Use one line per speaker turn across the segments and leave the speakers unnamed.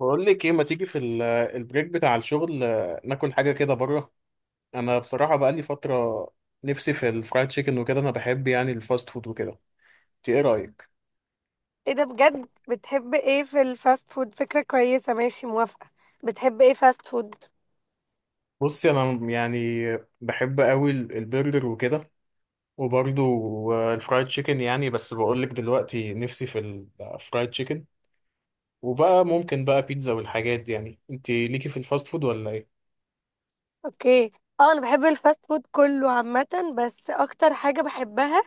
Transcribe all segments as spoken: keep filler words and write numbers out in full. بقول لك ايه، ما تيجي في ال- البريك بتاع الشغل آه، ناكل حاجه كده بره. انا بصراحه بقى لي فتره نفسي في الفرايد تشيكن وكده. انا بحب يعني الفاست فود وكده. انت ايه رايك؟
ايه ده بجد؟ بتحب ايه في الفاست فود؟ فكرة كويسة، ماشي، موافقة. بتحب ايه فاست فود؟
بصي انا يعني بحب قوي ال- البرجر وكده. وبرضو آه، الفرايد تشيكن يعني. بس بقول لك دلوقتي نفسي في الفرايد تشيكن. وبقى ممكن بقى بيتزا والحاجات دي يعني. انت ليكي في الفاست فود ولا ايه؟
اوكي. اه، انا بحب الفاست فود كله عامة، بس اكتر حاجة بحبها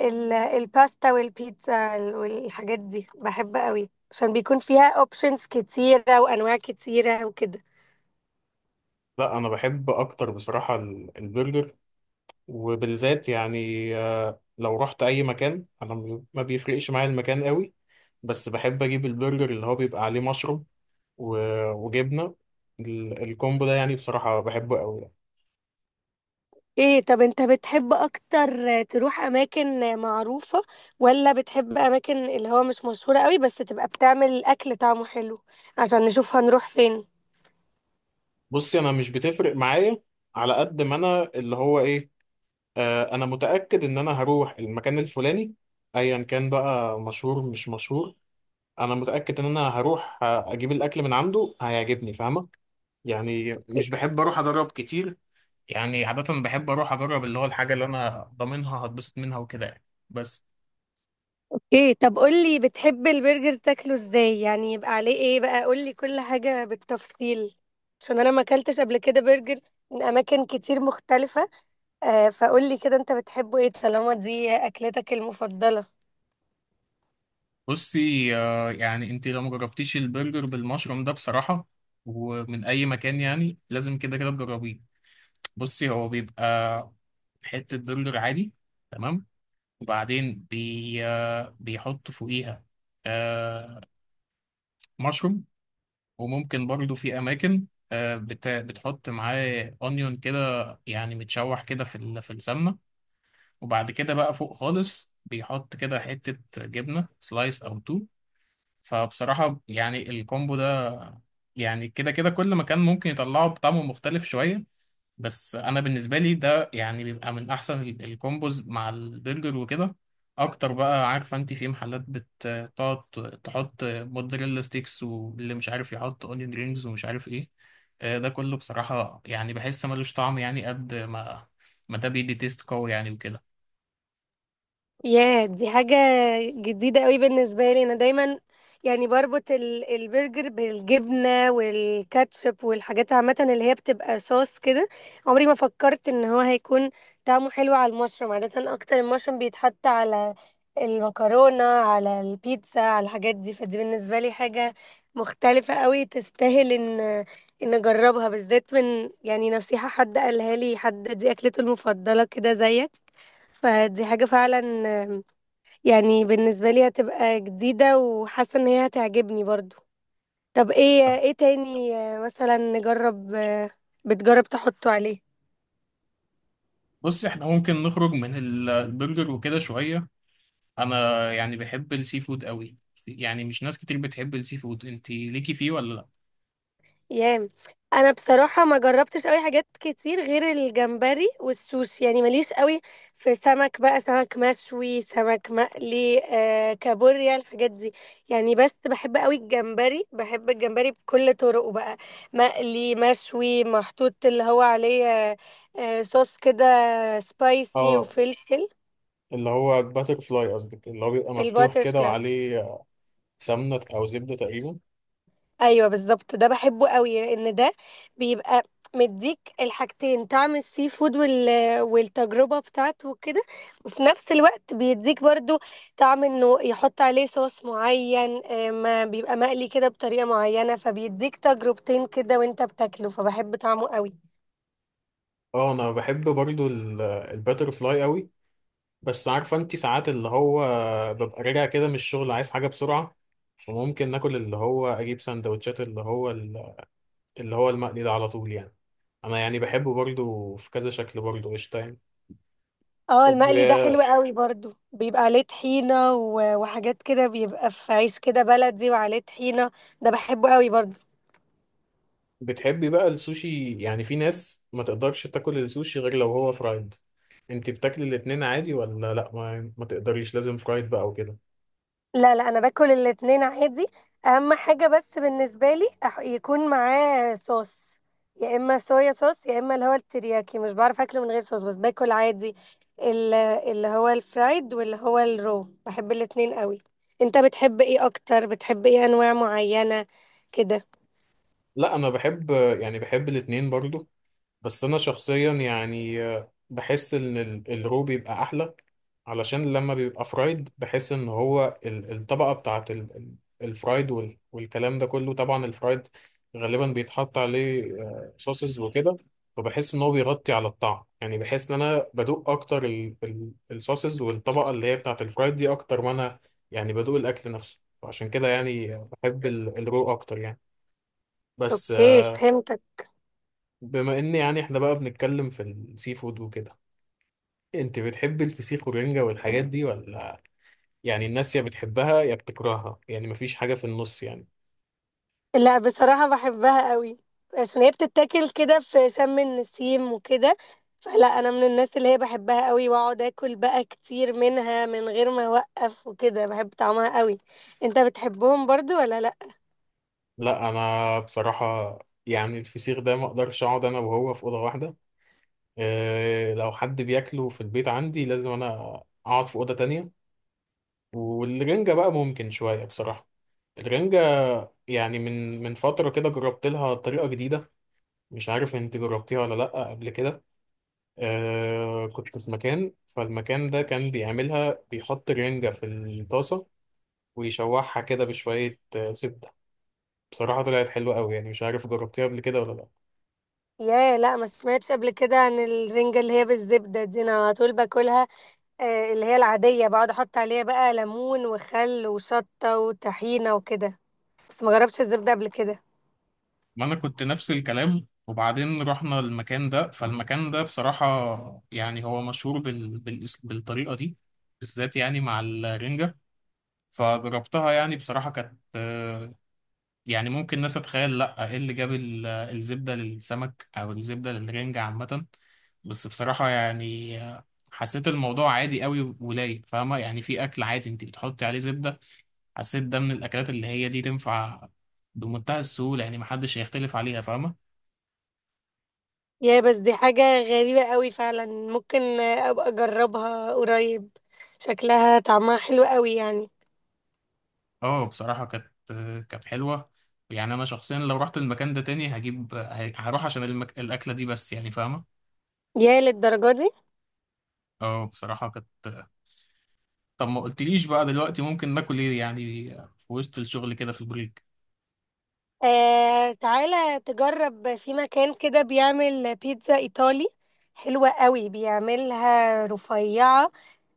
ال- الباستا والبيتزا والحاجات دي، بحب قوي عشان بيكون فيها اوبشنز كتيرة وانواع كتيرة وكده.
لا، انا بحب اكتر بصراحه ال- البرجر. وبالذات يعني آه، لو رحت اي مكان انا م- ما بيفرقش معايا المكان قوي. بس بحب اجيب البرجر اللي هو بيبقى عليه مشروم و- وجبنه. ال- الكومبو ده يعني بصراحه بحبه قوي يعني.
ايه؟ طب انت بتحب اكتر تروح اماكن معروفة، ولا بتحب اماكن اللي هو مش مشهورة قوي بس تبقى بتعمل اكل طعمه حلو؟ عشان نشوف هنروح فين.
بصي انا مش بتفرق معايا، على قد ما انا اللي هو ايه، آه، انا متاكد ان انا هروح المكان الفلاني، ايا كان بقى مشهور مش مشهور. انا متاكد ان انا هروح آه، اجيب الاكل من عنده هيعجبني، فاهمه؟ يعني مش بحب اروح اجرب كتير. يعني عادة بحب أروح أجرب اللي هو الحاجة اللي أنا ضامنها هتبسط منها وكده يعني. بس
ايه؟ طب قولي، بتحب البرجر تاكله ازاي؟ يعني يبقى عليه ايه بقى؟ قولي كل حاجة بالتفصيل عشان انا ما اكلتش قبل كده برجر من اماكن كتير مختلفة. آه، فقولي كده انت بتحبه ايه طالما دي اكلتك المفضلة.
بصي، آه، يعني أنت لو مجربتيش البرجر بالمشروم ده بصراحة، ومن أي مكان، يعني لازم كده كده تجربيه. بصي هو بيبقى حتة برجر عادي، تمام. وبعدين بي آه، بيحط فوقيها آه، مشروم. وممكن برضو في أماكن آه، بت- بتحط معاه أونيون كده، يعني متشوح كده في ال- في السمنة. وبعد كده بقى فوق خالص بيحط كده حتة جبنة سلايس أو تو. فبصراحة يعني الكومبو ده يعني كده كده كل مكان ممكن يطلعه بطعمه مختلف شوية. بس أنا بالنسبة لي ده يعني بيبقى من أحسن ال- الكومبوز مع البرجر وكده أكتر بقى. عارفة أنت في محلات بتقعد تحط موتزاريلا ستيكس، واللي مش عارف يحط أونيون رينجز ومش عارف إيه. آه، ده كله بصراحة يعني بحس ملوش طعم، يعني قد ما ما ده بيدي تيست قوي يعني وكده.
ياه، دي حاجة جديدة قوي بالنسبة لي. أنا دايما يعني بربط ال- البرجر بالجبنة والكاتشب والحاجات عامة اللي هي بتبقى صوص كده. عمري ما فكرت إن هو هيكون طعمه حلو على المشروم. عادة أكتر المشروم بيتحط على المكرونة، على البيتزا، على الحاجات دي، فدي بالنسبة لي حاجة مختلفة قوي، تستاهل إن إن أجربها، بالذات من يعني نصيحة حد قالها لي، حد دي أكلته المفضلة كده زيك. فدي حاجة فعلا يعني بالنسبة لي هتبقى جديدة، وحاسة ان هي هتعجبني برضو. طب ايه ايه تاني؟ آه، مثلا نجرب، آه، بتجرب تحطه عليه؟
بص احنا ممكن نخرج من ال- البرجر وكده شوية. انا يعني بحب السي فود قوي. يعني مش ناس كتير بتحب السي فود. انت ليكي فيه ولا لا؟
يام. انا بصراحه ما جربتش قوي حاجات كتير غير الجمبري والسوشي، يعني ماليش قوي في سمك بقى، سمك مشوي، سمك مقلي، آه كابوريا، الحاجات دي يعني. بس بحب قوي الجمبري، بحب الجمبري بكل طرقه بقى: مقلي، مشوي، محطوط اللي هو عليه آه آه، صوص كده سبايسي
اه،
وفلفل.
اللي هو باتر فلاي قصدك، اللي هو بيبقى مفتوح كده
الباترفلاي.
وعليه سمنة أو زبدة تقريبا.
ايوه بالظبط، ده بحبه قوي لان ده بيبقى مديك الحاجتين: طعم السي فود وال... والتجربه بتاعته وكده. وفي نفس الوقت بيديك برضو طعم انه يحط عليه صوص معين، آه، ما بيبقى مقلي كده بطريقه معينه، فبيديك تجربتين كده وانت بتاكله، فبحب طعمه قوي.
اه، أنا بحب برضو الباتر فلاي قوي. بس عارفة انتي ساعات اللي هو ببقى راجع كده من الشغل عايز حاجة بسرعة. فممكن ناكل اللي هو أجيب سندوتشات اللي هو اللي هو المقلي ده على طول يعني. أنا يعني بحبه برضو في كذا شكل برضو قشطة يعني.
اه،
طب
المقلي ده حلو
آه،
قوي برضو، بيبقى عليه طحينه و... وحاجات كده، بيبقى في عيش كده بلدي وعليه طحينه. ده بحبه قوي برضو.
بتحبي بقى السوشي؟ يعني في ناس ما تقدرش تاكل السوشي غير لو هو فرايد. انت بتاكلي الاتنين عادي ولا لا؟ ما, ما تقدريش لازم فرايد بقى وكده؟
لا لا، انا باكل الاتنين عادي. اهم حاجه بس بالنسبه لي أح- يكون معاه صوص، يا اما صويا صوص، يا اما اللي هو الترياكي، مش بعرف اكله من غير صوص، بس باكل عادي. ال- اللي هو الفرايد، واللي هو الرو، بحب الاتنين قوي. انت بتحب ايه اكتر؟ بتحب ايه؟ انواع معينه كده؟
لا، انا بحب يعني بحب الاتنين برضو. بس انا شخصيا يعني آه، بحس ان ال- الرو بيبقى احلى. علشان لما بيبقى فرايد بحس ان هو ال- الطبقه بتاعت ال- ال- الفرايد وال- والكلام ده كله. طبعا الفرايد غالبا بيتحط عليه صوصز وكده. فبحس ان هو بيغطي على الطعم. يعني بحس ان انا بدوق اكتر ال- ال- الصوصز والطبقه اللي هي بتاعت الفرايد دي اكتر ما انا يعني بدوق الاكل نفسه. فعشان كده يعني بحب ال- الرو اكتر يعني. بس
اوكي،
آه،
فهمتك.
بما ان يعني احنا بقى بنتكلم في السي فود وكده، انت بتحب الفسيخ والرنجة والحاجات دي ولا؟ يعني الناس يا بتحبها يا بتكرهها، يعني مفيش حاجة في النص يعني.
لا بصراحة بحبها قوي عشان هي بتتاكل كده في شم النسيم وكده، فلا، انا من الناس اللي هي بحبها قوي، واقعد اكل بقى كتير منها من غير ما اوقف وكده، بحب طعمها قوي. انت بتحبهم برضو ولا لا؟
لا، انا بصراحة يعني الفسيخ ده ما اقدرش اقعد انا وهو في أوضة واحدة. اه لو حد بياكله في البيت عندي لازم انا اقعد في أوضة تانية. والرنجة بقى ممكن شوية بصراحة. الرنجة يعني من من فترة كده جربت لها طريقة جديدة. مش عارف انت جربتيها ولا لا قبل كده. آه كنت في مكان، فالمكان ده كان بيعملها بيحط رنجة في الطاسة ويشوحها كده بشوية آه، زبدة. بصراحة طلعت حلوة قوي. يعني مش عارف جربتيها قبل كده ولا لا.
يا لا، ما سمعتش قبل كده عن الرنجة اللي هي بالزبدة دي. انا على طول باكلها آه، اللي هي العادية، بقعد احط عليها بقى ليمون وخل وشطة وطحينة وكده، بس ما جربتش الزبدة قبل كده.
ما انا كنت نفس الكلام، وبعدين رحنا المكان ده، فالمكان ده بصراحة يعني هو مشهور بال... بال... بالطريقة دي بالذات يعني مع الرنجة. فجربتها، يعني بصراحة كانت آه، يعني ممكن الناس تتخيل، لا ايه اللي جاب ال- الزبدة للسمك او الزبدة للرنجة عامة. بس بصراحة يعني آه، حسيت الموضوع عادي قوي ولايق، فاهمة؟ يعني في اكل عادي انت بتحطي عليه زبدة. حسيت ده من الاكلات اللي هي دي تنفع بمنتهى السهوله، يعني محدش هيختلف عليها، فاهمه؟
يا، بس دي حاجة غريبة قوي فعلا. ممكن ابقى اجربها قريب، شكلها طعمها حلو قوي يعني.
اه بصراحه كانت كانت حلوه. يعني انا شخصيا لو رحت المكان ده تاني هجيب، هروح عشان المك... الاكله دي بس يعني فاهمه.
يا، للدرجة دي؟
اه بصراحه كانت. طب ما قلتليش بقى دلوقتي ممكن ناكل ايه يعني في وسط الشغل كده في البريك؟
آه، تعالى تجرب في مكان كده بيعمل بيتزا ايطالي حلوة قوي، بيعملها رفيعة،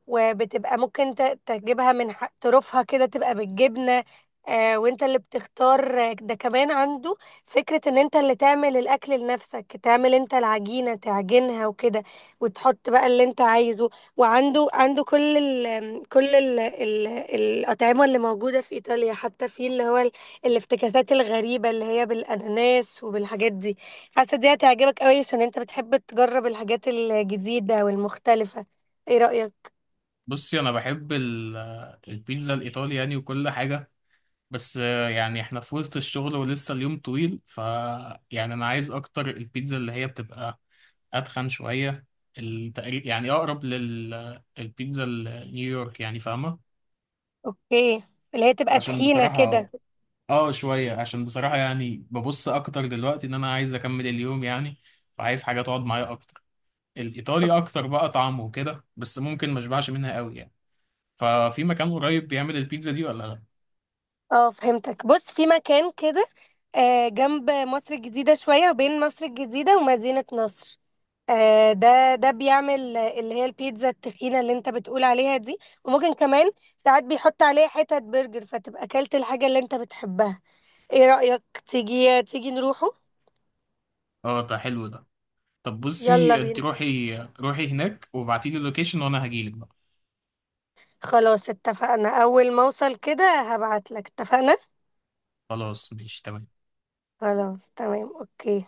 وبتبقى ممكن ت- تجيبها من ح- طرفها كده، تبقى بالجبنة. آه، وانت اللي بتختار. آه، ده كمان عنده فكرة ان انت اللي تعمل الاكل لنفسك، تعمل انت العجينة، تعجنها وكده، وتحط بقى اللي انت عايزه. وعنده عنده كل ال كل ال ال الاطعمة اللي موجودة في ايطاليا، حتى في اللي هو ال- الافتكاسات الغريبة اللي هي بالاناناس وبالحاجات دي. حاسة دي هتعجبك قوي عشان انت بتحب تجرب الحاجات الجديدة والمختلفة. ايه رأيك؟
بصي انا بحب ال... البيتزا الايطالي يعني وكل حاجه. بس آه، يعني احنا في وسط الشغل ولسه اليوم طويل. ف يعني انا عايز اكتر البيتزا اللي هي بتبقى اتخن شويه. التقريب يعني اقرب للبيتزا النيويورك يعني، فاهمه؟
اوكي. اللي هي تبقى
عشان
تخينة كده.
بصراحه اه شويه، عشان بصراحه يعني ببص اكتر دلوقتي ان انا عايز اكمل اليوم يعني. فعايز حاجه تقعد معايا اكتر. الايطالي اكتر بقى طعمه وكده، بس ممكن ما اشبعش منها قوي يعني. ففي مكان قريب بيعمل البيتزا دي ولا لا؟
اه، فهمتك. بص، في مكان كده آه، جنب مصر الجديدة شوية، وبين مصر الجديدة ومدينة نصر. آه، ده ده بيعمل، آه، اللي هي البيتزا التخينة اللي انت بتقول عليها دي، وممكن كمان ساعات بيحط عليها حتت برجر، فتبقى اكلت الحاجة اللي انت بتحبها. ايه رأيك؟ تيجي تيجي نروحه؟
اه ده حلو ده. طب
يلا
بصي انت
بينا.
روحي روحي هناك وابعتيلي اللوكيشن وانا هجيلك بقى.
خلاص اتفقنا، اول ما اوصل كده هبعتلك، اتفقنا؟
خلاص ماشي تمام.
خلاص تمام، اوكي.